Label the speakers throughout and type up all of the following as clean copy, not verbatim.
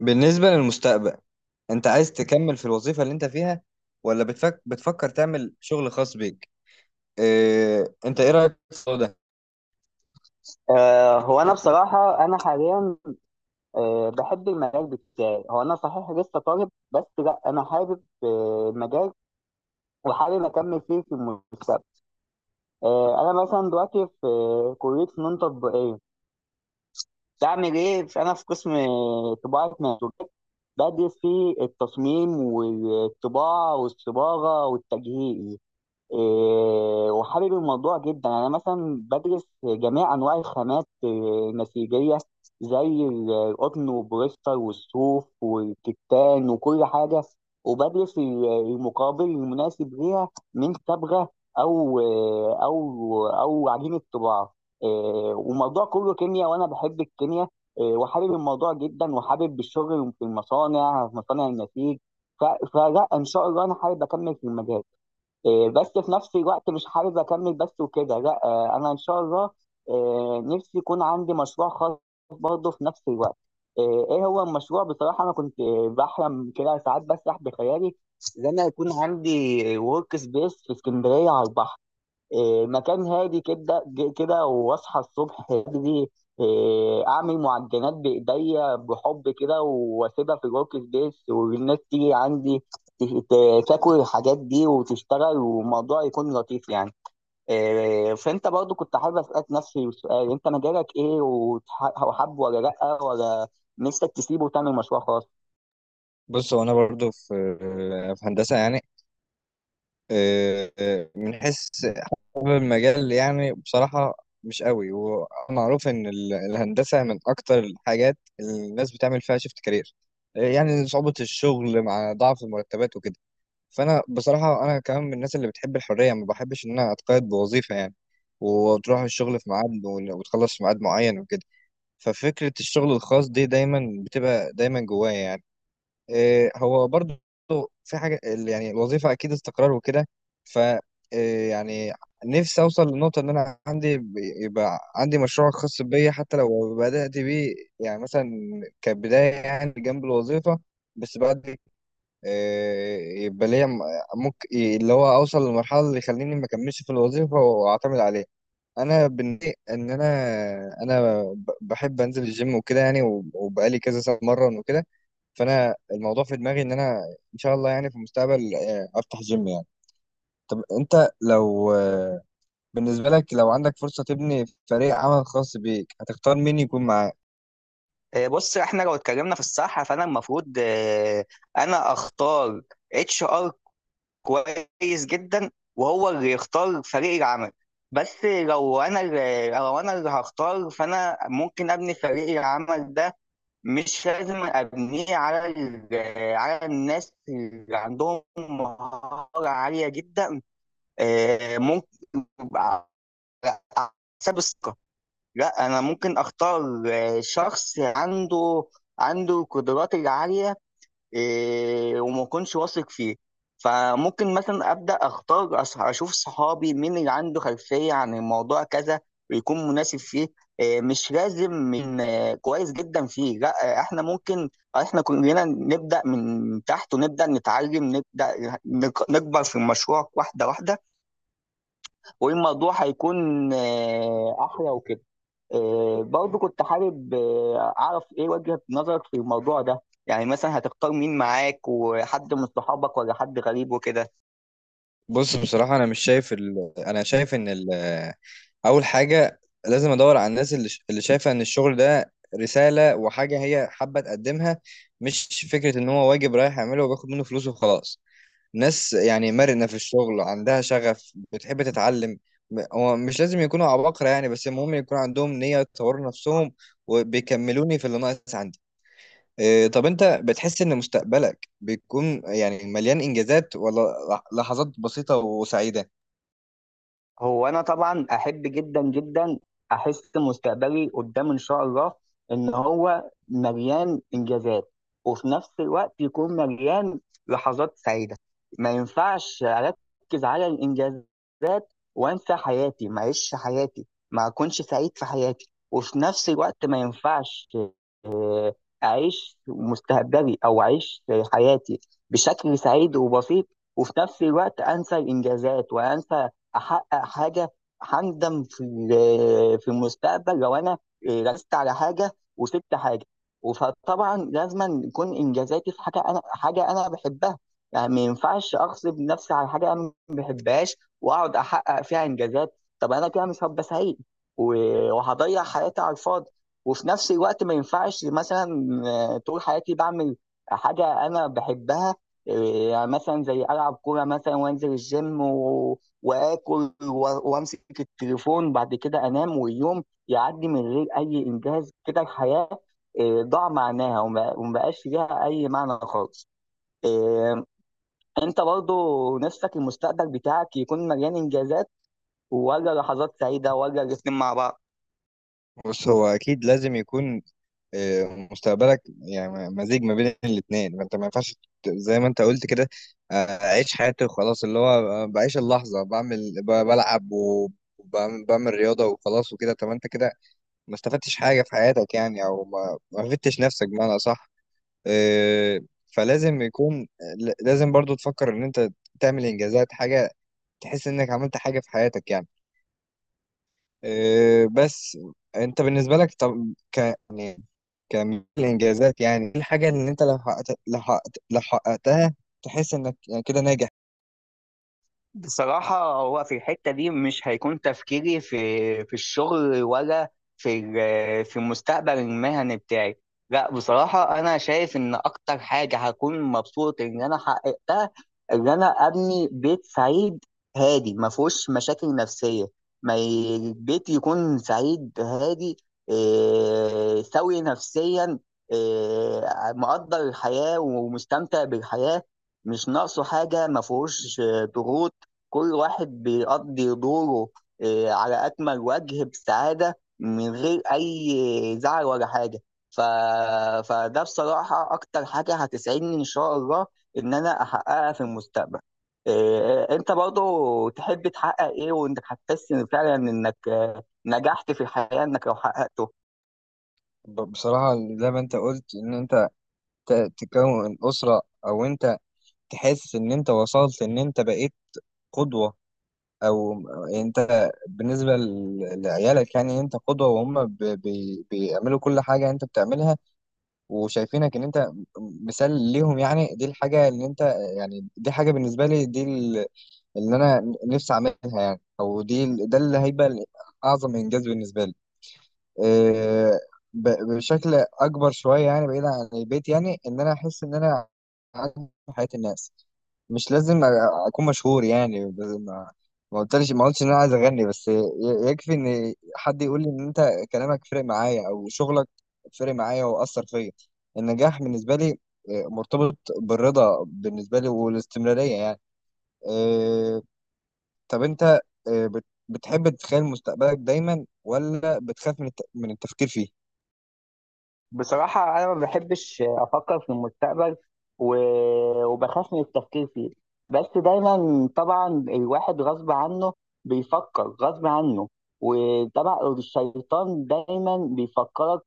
Speaker 1: بالنسبة للمستقبل، انت عايز تكمل في الوظيفة اللي انت فيها، ولا بتفكر تعمل شغل خاص بيك؟ اه... انت ايه رأيك في الموضوع ده؟
Speaker 2: هو انا بصراحه انا حاليا، بحب المجال بتاعي. هو انا صحيح لسه طالب، بس لا انا حابب المجال وحابب اكمل فيه في المستقبل. انا مثلا دلوقتي في كليه فنون تطبيقيه. بعمل ايه انا في قسم طباعه منسوجات، بدرس فيه التصميم والطباعه والصباغه والتجهيز. إيه، وحابب الموضوع جدا، يعني انا مثلا بدرس جميع انواع الخامات، إيه، النسيجيه، زي القطن والبوليستر والصوف والكتان وكل حاجه. وبدرس المقابل المناسب ليها من صبغه، او آه، او او عجينه طباعه. إيه، وموضوع كله كيمياء، وانا بحب الكيمياء. إيه، وحابب الموضوع جدا، وحابب الشغل في المصانع، في مصانع النسيج. فلا ان شاء الله انا حابب اكمل في المجال. إيه، بس في نفس الوقت مش حابب اكمل بس وكده، لا. انا ان شاء الله، نفسي يكون عندي مشروع خاص برضه في نفس الوقت. ايه هو المشروع؟ بصراحه انا كنت بحلم كده ساعات، بسرح بخيالي ان انا يكون عندي ورك سبيس في اسكندريه على البحر. إيه، مكان هادي كده، كده واصحى الصبح بدري. إيه، اعمل معجنات بايديا بحب كده، واسيبها في الورك سبيس، والناس تيجي عندي تاكل الحاجات دي وتشتغل، والموضوع يكون لطيف يعني. إيه، فانت برضو كنت حابب اسالك نفسي السؤال. انت مجالك ايه، وحابه ولا لا، ولا نفسك تسيبه وتعمل مشروع خاص؟
Speaker 1: بص، هو انا برضو في في هندسة يعني. من حيث حابب المجال، يعني بصراحة مش قوي، ومعروف ان الهندسة من اكتر الحاجات اللي الناس بتعمل فيها شيفت كارير، يعني صعوبة الشغل مع ضعف المرتبات وكده. فانا بصراحه انا كمان من الناس اللي بتحب الحريه، ما بحبش ان انا اتقيد بوظيفه يعني، وتروح الشغل في ميعاد وتخلص في ميعاد معين وكده. ففكره الشغل الخاص دي دايما بتبقى دايما جوايا يعني. إيه، هو برضو في حاجه يعني الوظيفه اكيد استقرار وكده. ف إيه يعني، نفسي اوصل للنقطه ان انا يبقى عندي مشروع خاص بيا، حتى لو بدات بيه يعني مثلا كبدايه يعني جنب الوظيفه، بس بعد يبقى ليا ممكن اللي هو اوصل للمرحله اللي يخليني ما اكملش في الوظيفه واعتمد عليه. انا بالنسبه ان انا، انا بحب انزل الجيم وكده يعني، وبقالي كذا سنه مرن وكده. فانا الموضوع في دماغي ان انا ان شاء الله يعني في المستقبل افتح جيم يعني. طب انت لو بالنسبه لك، لو عندك فرصه تبني فريق عمل خاص بيك، هتختار مين يكون معاك؟
Speaker 2: إيه، بص احنا لو اتكلمنا في الصحه، فانا المفروض، إيه، انا اختار HR كويس جدا، وهو اللي يختار فريق العمل. بس لو انا اللي هختار، فانا ممكن ابني فريق العمل ده. مش لازم ابنيه على على الناس اللي عندهم مهارة عالية جدا. ممكن على حساب الثقة. لا، انا ممكن اختار شخص عنده القدرات العالية، إيه، وما اكونش واثق فيه. فممكن مثلا ابدا اختار، اشوف صحابي مين اللي عنده خلفيه عن الموضوع كذا، ويكون مناسب فيه. إيه، مش لازم من كويس جدا فيه، لا. احنا ممكن. احنا كلنا نبدا من تحت، ونبدا نتعلم، نبدا نكبر في المشروع واحده واحده. والموضوع هيكون احلى وكده. برضه كنت حابب أعرف إيه وجهة نظرك في الموضوع ده. يعني مثلا هتختار مين معاك، وحد من صحابك ولا حد غريب وكده؟
Speaker 1: بص بصراحه، انا مش شايف انا شايف ان اول حاجه لازم ادور على الناس اللي اللي شايفه ان الشغل ده رساله وحاجه هي حابه تقدمها، مش فكره ان هو واجب رايح يعمله وبياخد منه فلوس وخلاص. ناس يعني مرنه في الشغل، عندها شغف، بتحب تتعلم. هو مش لازم يكونوا عباقرة يعني، بس المهم يكون عندهم نية يطوروا نفسهم، وبيكملوني في اللي ناقص عندي. إيه، طب انت بتحس ان مستقبلك بيكون يعني مليان انجازات، ولا لحظات بسيطة وسعيدة؟
Speaker 2: هو انا طبعا احب جدا جدا احس مستقبلي قدام ان شاء الله ان هو مليان انجازات، وفي نفس الوقت يكون مليان لحظات سعيده. ما ينفعش اركز على الانجازات وانسى حياتي، ما اعيش حياتي، ما اكونش سعيد في حياتي. وفي نفس الوقت ما ينفعش آه، اعيش مستقبلي او اعيش حياتي بشكل سعيد وبسيط، وفي نفس الوقت انسى الانجازات وانسى احقق حاجه. هندم في المستقبل لو انا ركزت على حاجه وسبت حاجه. فطبعا لازم يكون انجازاتي في حاجه انا بحبها. يعني ما ينفعش اغصب نفسي على حاجه انا ما بحبهاش واقعد احقق فيها انجازات، طب انا كده مش هبقى سعيد، وهضيع حياتي على الفاضي. وفي نفس الوقت ما ينفعش مثلا طول حياتي بعمل حاجه انا بحبها. آه، يعني مثلا زي العب كوره مثلا، وانزل الجيم واكل، وامسك التليفون، بعد كده انام، واليوم يعدي من غير اي انجاز كده. الحياه ضاع معناها، وما بقاش ليها اي معنى خالص. آه، انت برضو نفسك المستقبل بتاعك يكون مليان انجازات، ولا لحظات سعيده، ولا الاثنين مع بعض؟
Speaker 1: بص، هو اكيد لازم يكون مستقبلك يعني مزيج ما بين الاثنين. فانت ما ينفعش، زي ما انت قلت كده، اعيش حياتي وخلاص، اللي هو بعيش اللحظه بعمل بلعب وبعمل، بعمل رياضه وخلاص وكده. طب ما انت كده ما استفدتش حاجه في حياتك يعني، او ما فدتش نفسك بمعنى صح. فلازم يكون، لازم برضو تفكر ان انت تعمل انجازات، حاجه تحس انك عملت حاجه في حياتك يعني. آه، بس انت بالنسبه لك، طب ك يعني كمية الانجازات، يعني إيه الحاجه اللي انت لو حققت لو حققت لو حققتها تحس انك يعني كده ناجح؟
Speaker 2: بصراحة هو في الحتة دي مش هيكون تفكيري في الشغل، ولا في المستقبل المهني بتاعي. لا، بصراحة أنا شايف إن أكتر حاجة هكون مبسوط إن أنا حققتها، إن أنا أبني بيت سعيد هادي، ما فيهوش مشاكل نفسية. ما ي- البيت يكون سعيد هادي، إيه، سوي نفسيا، إيه، مقدر الحياة ومستمتع بالحياة، مش ناقصه حاجة، ما فيهوش ضغوط. كل واحد بيقضي دوره على أكمل وجه، بسعادة من غير أي زعل ولا حاجة. ف... فده بصراحة أكتر حاجة هتسعدني إن شاء الله إن أنا أحققها في المستقبل. أنت برضو تحب تحقق إيه، وإنك هتحس إن فعلا إنك نجحت في الحياة إنك لو حققته؟
Speaker 1: بصراحه زي ما انت قلت ان انت تكون اسره، او انت تحس ان انت وصلت ان انت بقيت قدوه. او انت بالنسبه لعيالك يعني، انت قدوه، وهم بيعملوا كل حاجه انت بتعملها، وشايفينك ان انت مثال ليهم. يعني دي الحاجه اللي انت، يعني دي حاجه بالنسبه لي، دي اللي انا نفسي اعملها يعني، او دي ده اللي هيبقى اعظم انجاز بالنسبه لي. إيه، ب- بشكل اكبر شويه يعني، بعيد عن البيت يعني، ان انا احس ان انا عندي في حياه الناس. مش لازم اكون مشهور يعني، بس ما قلتش ان انا عايز اغني، بس يكفي ان حد يقول لي ان انت كلامك فرق معايا، او شغلك فرق معايا واثر فيا. النجاح بالنسبه لي مرتبط بالرضا بالنسبه لي، والاستمراريه يعني. آه، طب انت بتحب تتخيل مستقبلك دايما، ولا بتخاف من من التفكير فيه؟
Speaker 2: بصراحة أنا ما بحبش أفكر في المستقبل، وبخاف من التفكير فيه. بس دايما طبعا الواحد غصب عنه بيفكر غصب عنه. وطبعا الشيطان دايما بيفكرك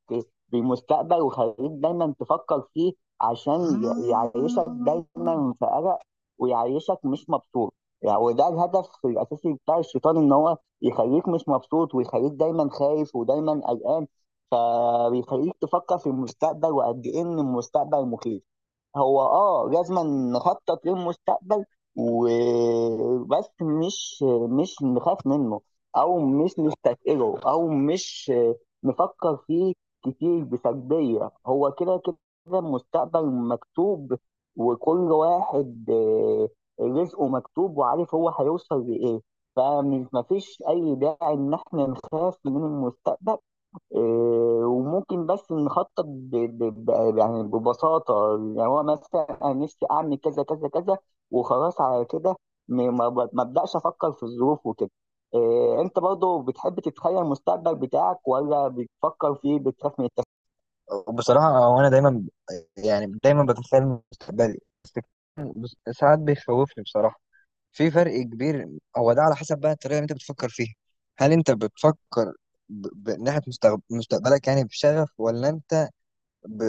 Speaker 2: بالمستقبل ويخليك دايما تفكر فيه، عشان يعيشك دايما في قلق، ويعيشك مش مبسوط. يعني وده الهدف الأساسي بتاع الشيطان، إن هو يخليك مش مبسوط، ويخليك دايما خايف ودايما قلقان. فبيخليك تفكر في المستقبل، وقد ايه ان المستقبل مخيف. هو لازم نخطط للمستقبل وبس، مش نخاف منه، او مش نستثقله، او مش نفكر فيه كتير بسلبية. هو كده، كده المستقبل مكتوب، وكل واحد رزقه مكتوب وعارف هو هيوصل لإيه. فمش مفيش أي داعي إن إحنا نخاف من المستقبل. إيه، وممكن بس نخطط يعني ببساطة. يعني هو مثلا أنا نفسي أعمل كذا كذا كذا وخلاص، على كده ما أبدأش أفكر في الظروف وكده. إيه، أنت برضو بتحب تتخيل المستقبل بتاعك، ولا بتفكر فيه بتخاف من التفكير؟
Speaker 1: بصراحه هو انا دايما، يعني دايما بتخيل مستقبلي، بس ساعات بيخوفني بصراحه. في فرق كبير. هو ده على حسب بقى الطريقه اللي انت بتفكر فيها. هل انت بتفكر ناحيه مستقبلك يعني بشغف، ولا انت ب...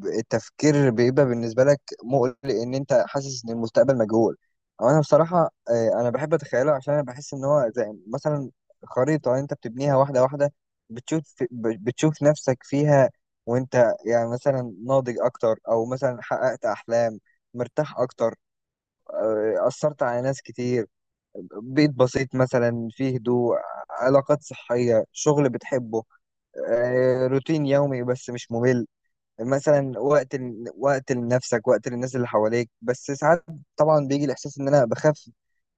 Speaker 1: التفكير بيبقى بالنسبه لك مقلق، ان انت حاسس ان المستقبل مجهول؟ او انا بصراحه، انا بحب اتخيله، عشان انا بحس ان هو زي مثلا خريطه انت بتبنيها واحده واحده، بتشوف نفسك فيها، وانت يعني مثلا ناضج اكتر، او مثلا حققت احلام، مرتاح اكتر، اثرت على ناس كتير، بيت بسيط مثلا فيه هدوء، علاقات صحية، شغل بتحبه، روتين يومي بس مش ممل، مثلا وقت لنفسك، وقت للناس اللي حواليك. بس ساعات طبعا بيجي الإحساس إن أنا بخاف.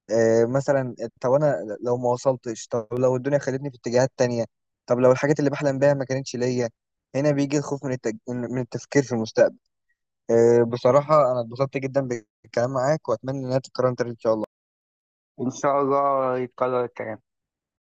Speaker 1: مثلا طب أنا لو ما وصلتش، طب لو الدنيا خدتني في اتجاهات تانية، طب لو الحاجات اللي بحلم بيها ما كانتش ليا. هنا بيجي الخوف من من التفكير في المستقبل. آه، بصراحة أنا اتبسطت جدا بالكلام معاك، وأتمنى إنها تتكرر تاني إن شاء الله.
Speaker 2: إن شاء الله يتكرر الكلام.